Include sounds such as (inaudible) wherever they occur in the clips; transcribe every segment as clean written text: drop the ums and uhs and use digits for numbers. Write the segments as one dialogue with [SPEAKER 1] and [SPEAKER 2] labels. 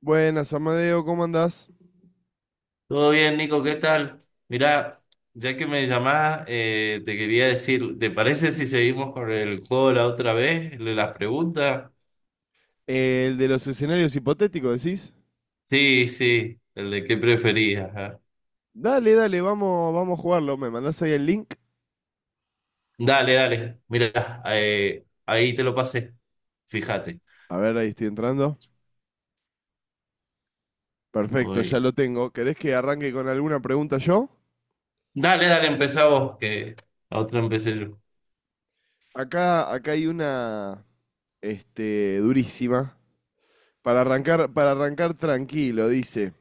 [SPEAKER 1] Buenas, Amadeo, ¿cómo andás?
[SPEAKER 2] Todo bien, Nico, ¿qué tal? Mirá, ya que me llamás, te quería decir, ¿te parece si seguimos con el juego de la otra vez, el de las preguntas?
[SPEAKER 1] El de los escenarios hipotéticos, decís.
[SPEAKER 2] Sí, sí, el de qué preferías. Ajá.
[SPEAKER 1] Dale, dale, vamos, vamos a jugarlo. ¿Me mandás ahí el link?
[SPEAKER 2] Dale, dale, mirá, ahí te lo pasé, fíjate.
[SPEAKER 1] A ver, ahí estoy entrando. Perfecto,
[SPEAKER 2] Muy
[SPEAKER 1] ya
[SPEAKER 2] bien.
[SPEAKER 1] lo tengo. ¿Querés que arranque con alguna pregunta yo?
[SPEAKER 2] Dale, dale, empezá vos, que la otra empecé yo.
[SPEAKER 1] Acá hay una, durísima. Para arrancar tranquilo, dice.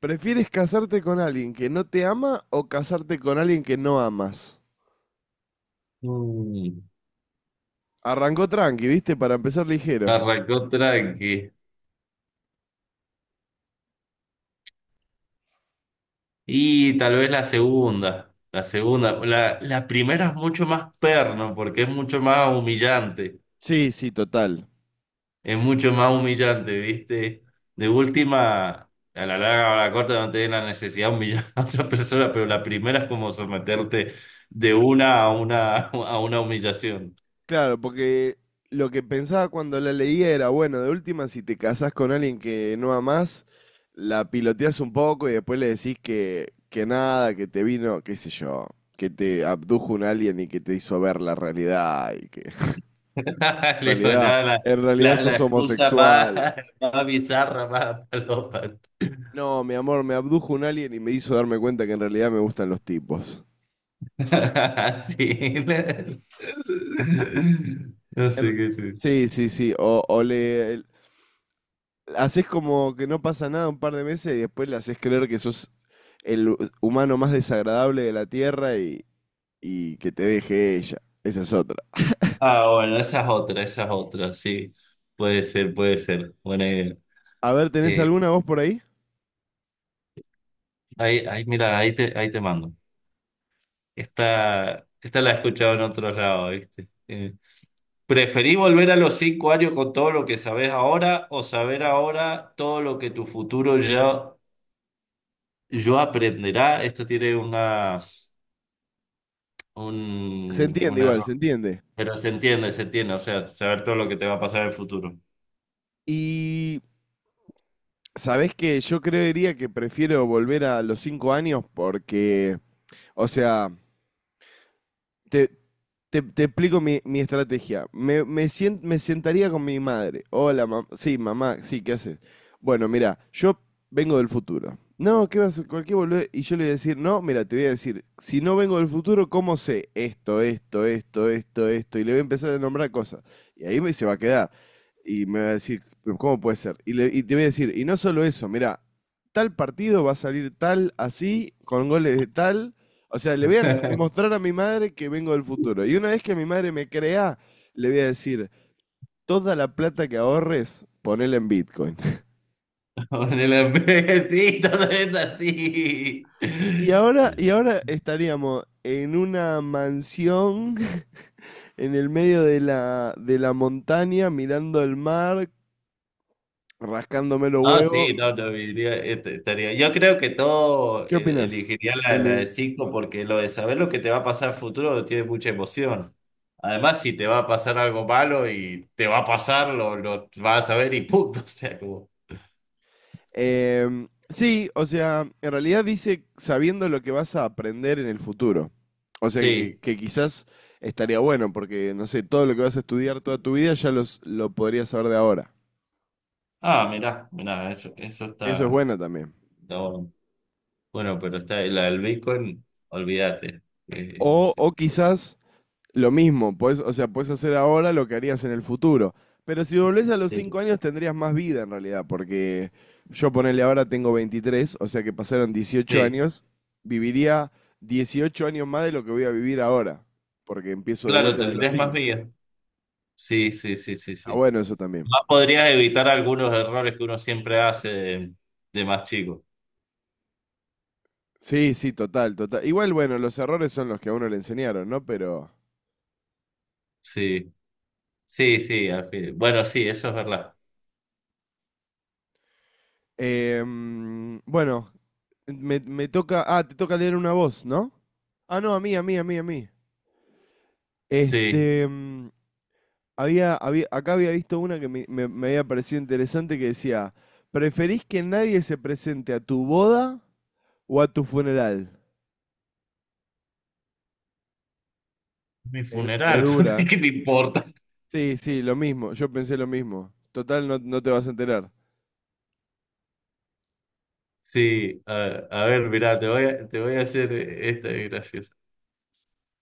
[SPEAKER 1] ¿Prefieres casarte con alguien que no te ama o casarte con alguien que no amas?
[SPEAKER 2] Mm,
[SPEAKER 1] Arrancó tranqui, ¿viste? Para empezar ligero.
[SPEAKER 2] Arrancó tranqui. Y tal vez la segunda, la primera es mucho más perno, porque es mucho más humillante.
[SPEAKER 1] Sí, sí, total.
[SPEAKER 2] Es mucho más humillante, ¿viste? De última, a la larga o a la corta no tenés la necesidad de humillar a otra persona, pero la primera es como someterte de una a una a una humillación.
[SPEAKER 1] Claro, porque lo que pensaba cuando la leía era, bueno, de última, si te casás con alguien que no amás, la piloteás un poco y después le decís que nada, que te vino, qué sé yo, que te abdujo un alien y que te hizo ver la realidad y que (laughs)
[SPEAKER 2] (laughs)
[SPEAKER 1] en
[SPEAKER 2] Leo,
[SPEAKER 1] realidad,
[SPEAKER 2] la,
[SPEAKER 1] en realidad
[SPEAKER 2] la
[SPEAKER 1] sos
[SPEAKER 2] excusa más,
[SPEAKER 1] homosexual.
[SPEAKER 2] más bizarra, más palopa.
[SPEAKER 1] No, mi amor, me abdujo un alien y me hizo darme cuenta que en realidad me gustan los tipos.
[SPEAKER 2] (laughs) Sí. No
[SPEAKER 1] En-
[SPEAKER 2] sé qué sí.
[SPEAKER 1] sí, sí, sí, haces como que no pasa nada un par de meses y después le haces creer que sos el humano más desagradable de la Tierra y que te deje ella. Esa es otra.
[SPEAKER 2] Ah, bueno, esa es otra, sí. Puede ser, puede ser. Buena idea.
[SPEAKER 1] A ver, ¿tenés
[SPEAKER 2] Eh,
[SPEAKER 1] alguna voz por ahí?
[SPEAKER 2] mira, ahí te mando. Esta la he escuchado en otro lado, ¿viste? ¿Preferís volver a los 5 años con todo lo que sabés ahora o saber ahora todo lo que tu futuro yo aprenderá? Esto tiene una,
[SPEAKER 1] Se entiende
[SPEAKER 2] un
[SPEAKER 1] igual, se
[SPEAKER 2] error,
[SPEAKER 1] entiende.
[SPEAKER 2] pero se entiende, o sea, saber todo lo que te va a pasar en el futuro.
[SPEAKER 1] Y sabés que yo creería que prefiero volver a los 5 años porque, o sea, te, te explico mi estrategia. Me sentaría con mi madre. Hola, mam Sí, mamá, sí, ¿qué haces? Bueno, mira, yo vengo del futuro. No, ¿qué vas a cualquier boludez? Y yo le voy a decir, no, mira, te voy a decir, si no vengo del futuro, ¿cómo sé esto, esto, esto, esto, esto? Y le voy a empezar a nombrar cosas. Y ahí me se va a quedar. Y me va a decir, "Pero ¿cómo puede ser?" Y te voy a decir, y no solo eso, mira, tal partido va a salir tal así, con goles de tal, o sea, le voy a
[SPEAKER 2] (laughs)
[SPEAKER 1] demostrar a mi madre que vengo del futuro. Y una vez que mi madre me crea, le voy a decir, toda la plata que ahorres, ponela en Bitcoin. (laughs)
[SPEAKER 2] Con el imbécil, todo es así.
[SPEAKER 1] Y ahora estaríamos en una mansión (laughs) en el medio de la montaña, mirando el mar, rascándome los
[SPEAKER 2] No,
[SPEAKER 1] huevos.
[SPEAKER 2] sí, no, no, diría, este, estaría. Yo creo que todo
[SPEAKER 1] ¿Qué opinas
[SPEAKER 2] elegiría
[SPEAKER 1] de
[SPEAKER 2] la de
[SPEAKER 1] mí?
[SPEAKER 2] 5 porque lo de saber lo que te va a pasar futuro tiene mucha emoción. Además, si te va a pasar algo malo y te va a pasar, lo vas a saber y punto. (laughs) O sea, como.
[SPEAKER 1] Sí, o sea, en realidad dice sabiendo lo que vas a aprender en el futuro. O sea, que,
[SPEAKER 2] Sí.
[SPEAKER 1] que quizás estaría bueno, porque, no sé, todo lo que vas a estudiar toda tu vida ya lo podrías saber de ahora.
[SPEAKER 2] Ah, mirá, mirá, eso
[SPEAKER 1] Eso es
[SPEAKER 2] está,
[SPEAKER 1] bueno también.
[SPEAKER 2] está bueno. Bueno, pero está la del Bitcoin, olvídate. No
[SPEAKER 1] O,
[SPEAKER 2] sé.
[SPEAKER 1] o quizás lo mismo, o sea, puedes hacer ahora lo que harías en el futuro. Pero si volvés a los 5
[SPEAKER 2] Sí,
[SPEAKER 1] años tendrías más vida en realidad, porque yo ponele ahora tengo 23, o sea que pasaron dieciocho
[SPEAKER 2] sí.
[SPEAKER 1] años, viviría 18 años más de lo que voy a vivir ahora, porque empiezo de
[SPEAKER 2] Claro,
[SPEAKER 1] vuelta de los
[SPEAKER 2] tendrías más
[SPEAKER 1] cinco.
[SPEAKER 2] vías. Sí, sí, sí, sí,
[SPEAKER 1] Está
[SPEAKER 2] sí.
[SPEAKER 1] bueno eso también.
[SPEAKER 2] Más podrías evitar algunos errores que uno siempre hace de, más chico.
[SPEAKER 1] Sí, sí, total, total. Igual, bueno, los errores son los que a uno le enseñaron, ¿no? Pero…
[SPEAKER 2] Sí, sí, sí, al fin. Bueno, sí, eso es verdad.
[SPEAKER 1] bueno, me toca… Ah, te toca leer una voz, ¿no? Ah, no, a mí, a mí, a mí, a mí.
[SPEAKER 2] Sí,
[SPEAKER 1] Este, mm, había acá había visto una que me había parecido interesante que decía, ¿preferís que nadie se presente a tu boda o a tu funeral?
[SPEAKER 2] mi
[SPEAKER 1] Es
[SPEAKER 2] funeral, (laughs)
[SPEAKER 1] dura.
[SPEAKER 2] ¿qué me importa?
[SPEAKER 1] ¿Eh? Sí, sí, lo mismo, yo pensé lo mismo. Total, no, no te vas a enterar.
[SPEAKER 2] Sí, a ver, mirá, te voy a hacer esta es graciosa.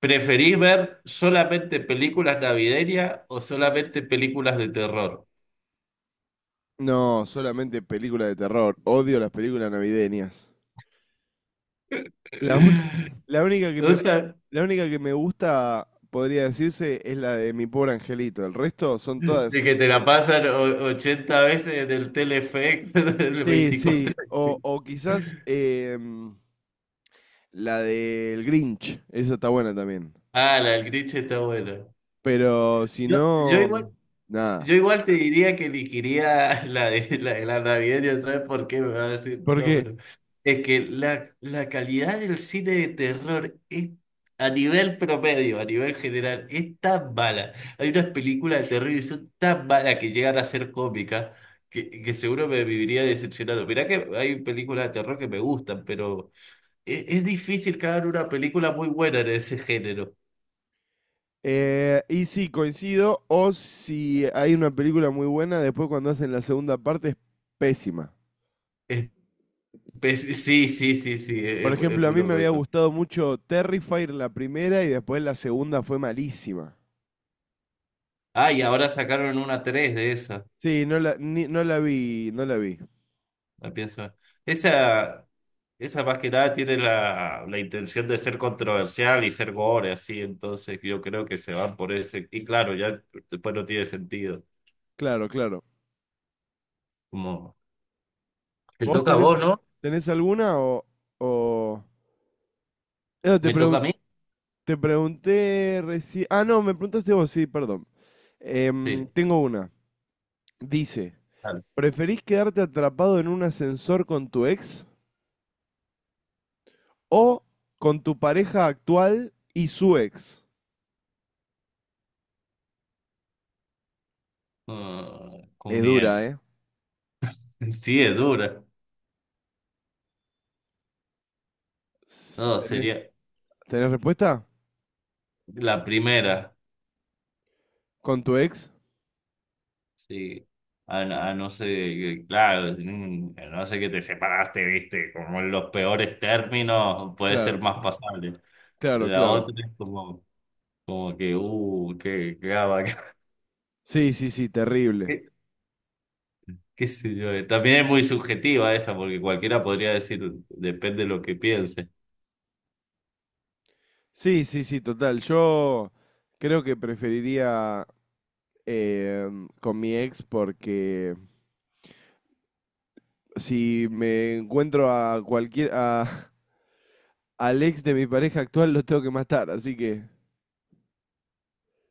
[SPEAKER 2] ¿Preferís ver solamente películas navideñas o solamente películas de terror?
[SPEAKER 1] No, solamente películas de terror. Odio las películas navideñas. La única,
[SPEAKER 2] (laughs)
[SPEAKER 1] la única que
[SPEAKER 2] O
[SPEAKER 1] me,
[SPEAKER 2] sea,
[SPEAKER 1] la única que me gusta, podría decirse, es la de Mi Pobre Angelito. El resto son
[SPEAKER 2] de
[SPEAKER 1] todas…
[SPEAKER 2] que te la pasan o- 80 veces en el Telefe (laughs) del
[SPEAKER 1] Sí,
[SPEAKER 2] 24.
[SPEAKER 1] sí, o quizás, la del Grinch, esa está buena también.
[SPEAKER 2] Ah, la del Grinch está buena.
[SPEAKER 1] Pero si
[SPEAKER 2] Yo, yo igual,
[SPEAKER 1] no, nada.
[SPEAKER 2] yo igual te diría que elegiría (laughs) la de de la navideña, ¿sabes por qué? Me va a decir,
[SPEAKER 1] ¿Por
[SPEAKER 2] no,
[SPEAKER 1] qué?
[SPEAKER 2] pero es que la calidad del cine de terror es, a nivel promedio, a nivel general, es tan mala. Hay unas películas de terror y son tan malas que llegan a ser cómicas que, seguro me viviría decepcionado. Mirá que hay películas de terror que me gustan, pero es, difícil que hagan una película muy buena en ese género.
[SPEAKER 1] Y sí, coincido, o si hay una película muy buena, después cuando hacen la segunda parte es pésima.
[SPEAKER 2] Es- (laughs) sí, sí, sí, sí, es
[SPEAKER 1] Por
[SPEAKER 2] es
[SPEAKER 1] ejemplo, a
[SPEAKER 2] muy
[SPEAKER 1] mí me
[SPEAKER 2] loco
[SPEAKER 1] había
[SPEAKER 2] eso.
[SPEAKER 1] gustado mucho Terrifier la primera y después la segunda fue malísima.
[SPEAKER 2] Ah, y ahora sacaron una 3 de esa,
[SPEAKER 1] Sí, no la vi, no la vi.
[SPEAKER 2] la pienso. Esa, esa más que nada tiene la intención de ser controversial y ser gore, así, entonces yo creo que se van por ese. Y claro, ya después no tiene sentido.
[SPEAKER 1] Claro, claro.
[SPEAKER 2] Como, te
[SPEAKER 1] ¿Vos
[SPEAKER 2] toca a
[SPEAKER 1] tenés,
[SPEAKER 2] vos, ¿no?
[SPEAKER 1] tenés alguna o…? O… No,
[SPEAKER 2] ¿Me toca a mí?
[SPEAKER 1] te pregunté recién… Ah, no, me preguntaste vos, sí, perdón.
[SPEAKER 2] Sí.
[SPEAKER 1] Tengo una. Dice,
[SPEAKER 2] Dale.
[SPEAKER 1] ¿preferís quedarte atrapado en un ascensor con tu ex o con tu pareja actual y su ex?
[SPEAKER 2] Ah, con
[SPEAKER 1] Es
[SPEAKER 2] mi
[SPEAKER 1] dura,
[SPEAKER 2] ex.
[SPEAKER 1] ¿eh?
[SPEAKER 2] (laughs) Sí, es dura.
[SPEAKER 1] S-
[SPEAKER 2] No,
[SPEAKER 1] ¿Tenés,
[SPEAKER 2] sería
[SPEAKER 1] tenés respuesta?
[SPEAKER 2] la primera.
[SPEAKER 1] ¿Con tu ex?
[SPEAKER 2] Sí, a no ser, claro, a no sé que te separaste, viste, como en los peores términos, puede ser
[SPEAKER 1] Claro,
[SPEAKER 2] más pasable.
[SPEAKER 1] claro,
[SPEAKER 2] La
[SPEAKER 1] claro.
[SPEAKER 2] otra es como que, gaba, (laughs)
[SPEAKER 1] Sí, sí, sí, terrible.
[SPEAKER 2] qué, qué sé yo. También es muy subjetiva esa, porque cualquiera podría decir, depende de lo que piense.
[SPEAKER 1] Sí, sí, sí, total. Yo creo que preferiría con mi ex porque si me encuentro a cualquier… (laughs) al ex de mi pareja actual lo tengo que matar, así que…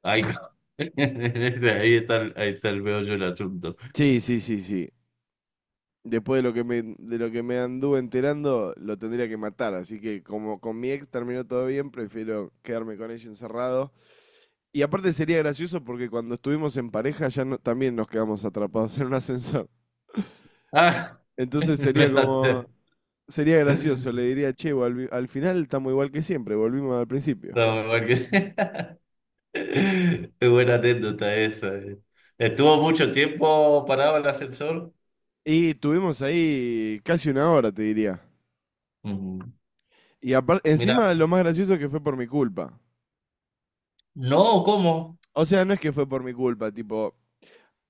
[SPEAKER 2] Ay, (laughs) ahí está, ahí está el meollo del asunto.
[SPEAKER 1] Sí, sí, sí, sí. Después de de lo que me anduve enterando, lo tendría que matar. Así que como con mi ex terminó todo bien, prefiero quedarme con ella encerrado. Y aparte sería gracioso porque cuando estuvimos en pareja también nos quedamos atrapados en un ascensor.
[SPEAKER 2] Ah, (laughs)
[SPEAKER 1] Entonces
[SPEAKER 2] me
[SPEAKER 1] sería
[SPEAKER 2] va a hacer-
[SPEAKER 1] como, sería gracioso. Le diría, che, al final estamos igual que siempre, volvimos al principio.
[SPEAKER 2] No, porque... (laughs) (laughs) Es buena anécdota esa. Estuvo mucho tiempo parado el ascensor.
[SPEAKER 1] Y estuvimos ahí casi una hora, te diría.
[SPEAKER 2] Mm,
[SPEAKER 1] Y aparte,
[SPEAKER 2] Mira,
[SPEAKER 1] encima lo más gracioso es que fue por mi culpa.
[SPEAKER 2] no, ¿cómo?
[SPEAKER 1] O sea, no es que fue por mi culpa, tipo,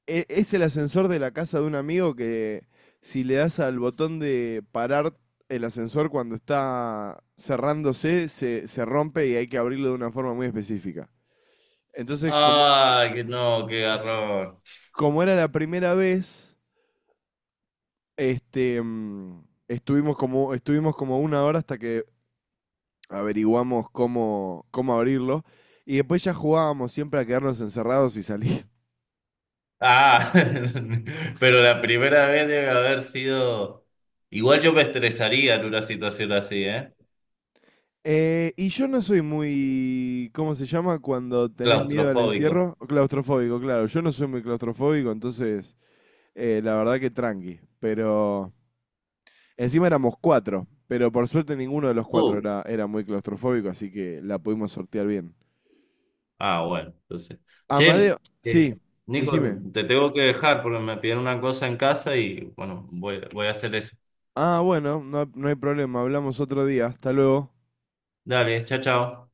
[SPEAKER 1] Es el ascensor de la casa de un amigo que si le das al botón de parar el ascensor cuando está cerrándose, se rompe y hay que abrirlo de una forma muy específica. Entonces, como,
[SPEAKER 2] Ah, que no, qué garrón.
[SPEAKER 1] como era la primera vez, estuvimos como una hora hasta que averiguamos cómo abrirlo. Y después ya jugábamos siempre a quedarnos encerrados y salir.
[SPEAKER 2] Ah, (laughs) pero la primera vez debe haber sido. Igual yo me estresaría en una situación así, ¿eh?
[SPEAKER 1] Y yo no soy muy, ¿cómo se llama? Cuando tenés miedo al
[SPEAKER 2] Claustrofóbico.
[SPEAKER 1] encierro, claustrofóbico, claro. Yo no soy muy claustrofóbico, entonces la verdad que tranqui. Pero encima éramos cuatro, pero por suerte ninguno de los cuatro
[SPEAKER 2] Uh,
[SPEAKER 1] era muy claustrofóbico, así que la pudimos sortear bien.
[SPEAKER 2] bueno, entonces.
[SPEAKER 1] Amadeo,
[SPEAKER 2] Che, eh,
[SPEAKER 1] sí,
[SPEAKER 2] Nico,
[SPEAKER 1] decime.
[SPEAKER 2] te tengo que dejar porque me pidieron una cosa en casa y bueno, voy a hacer eso.
[SPEAKER 1] Ah, bueno, no, no hay problema, hablamos otro día, hasta luego.
[SPEAKER 2] Dale, chao, chao.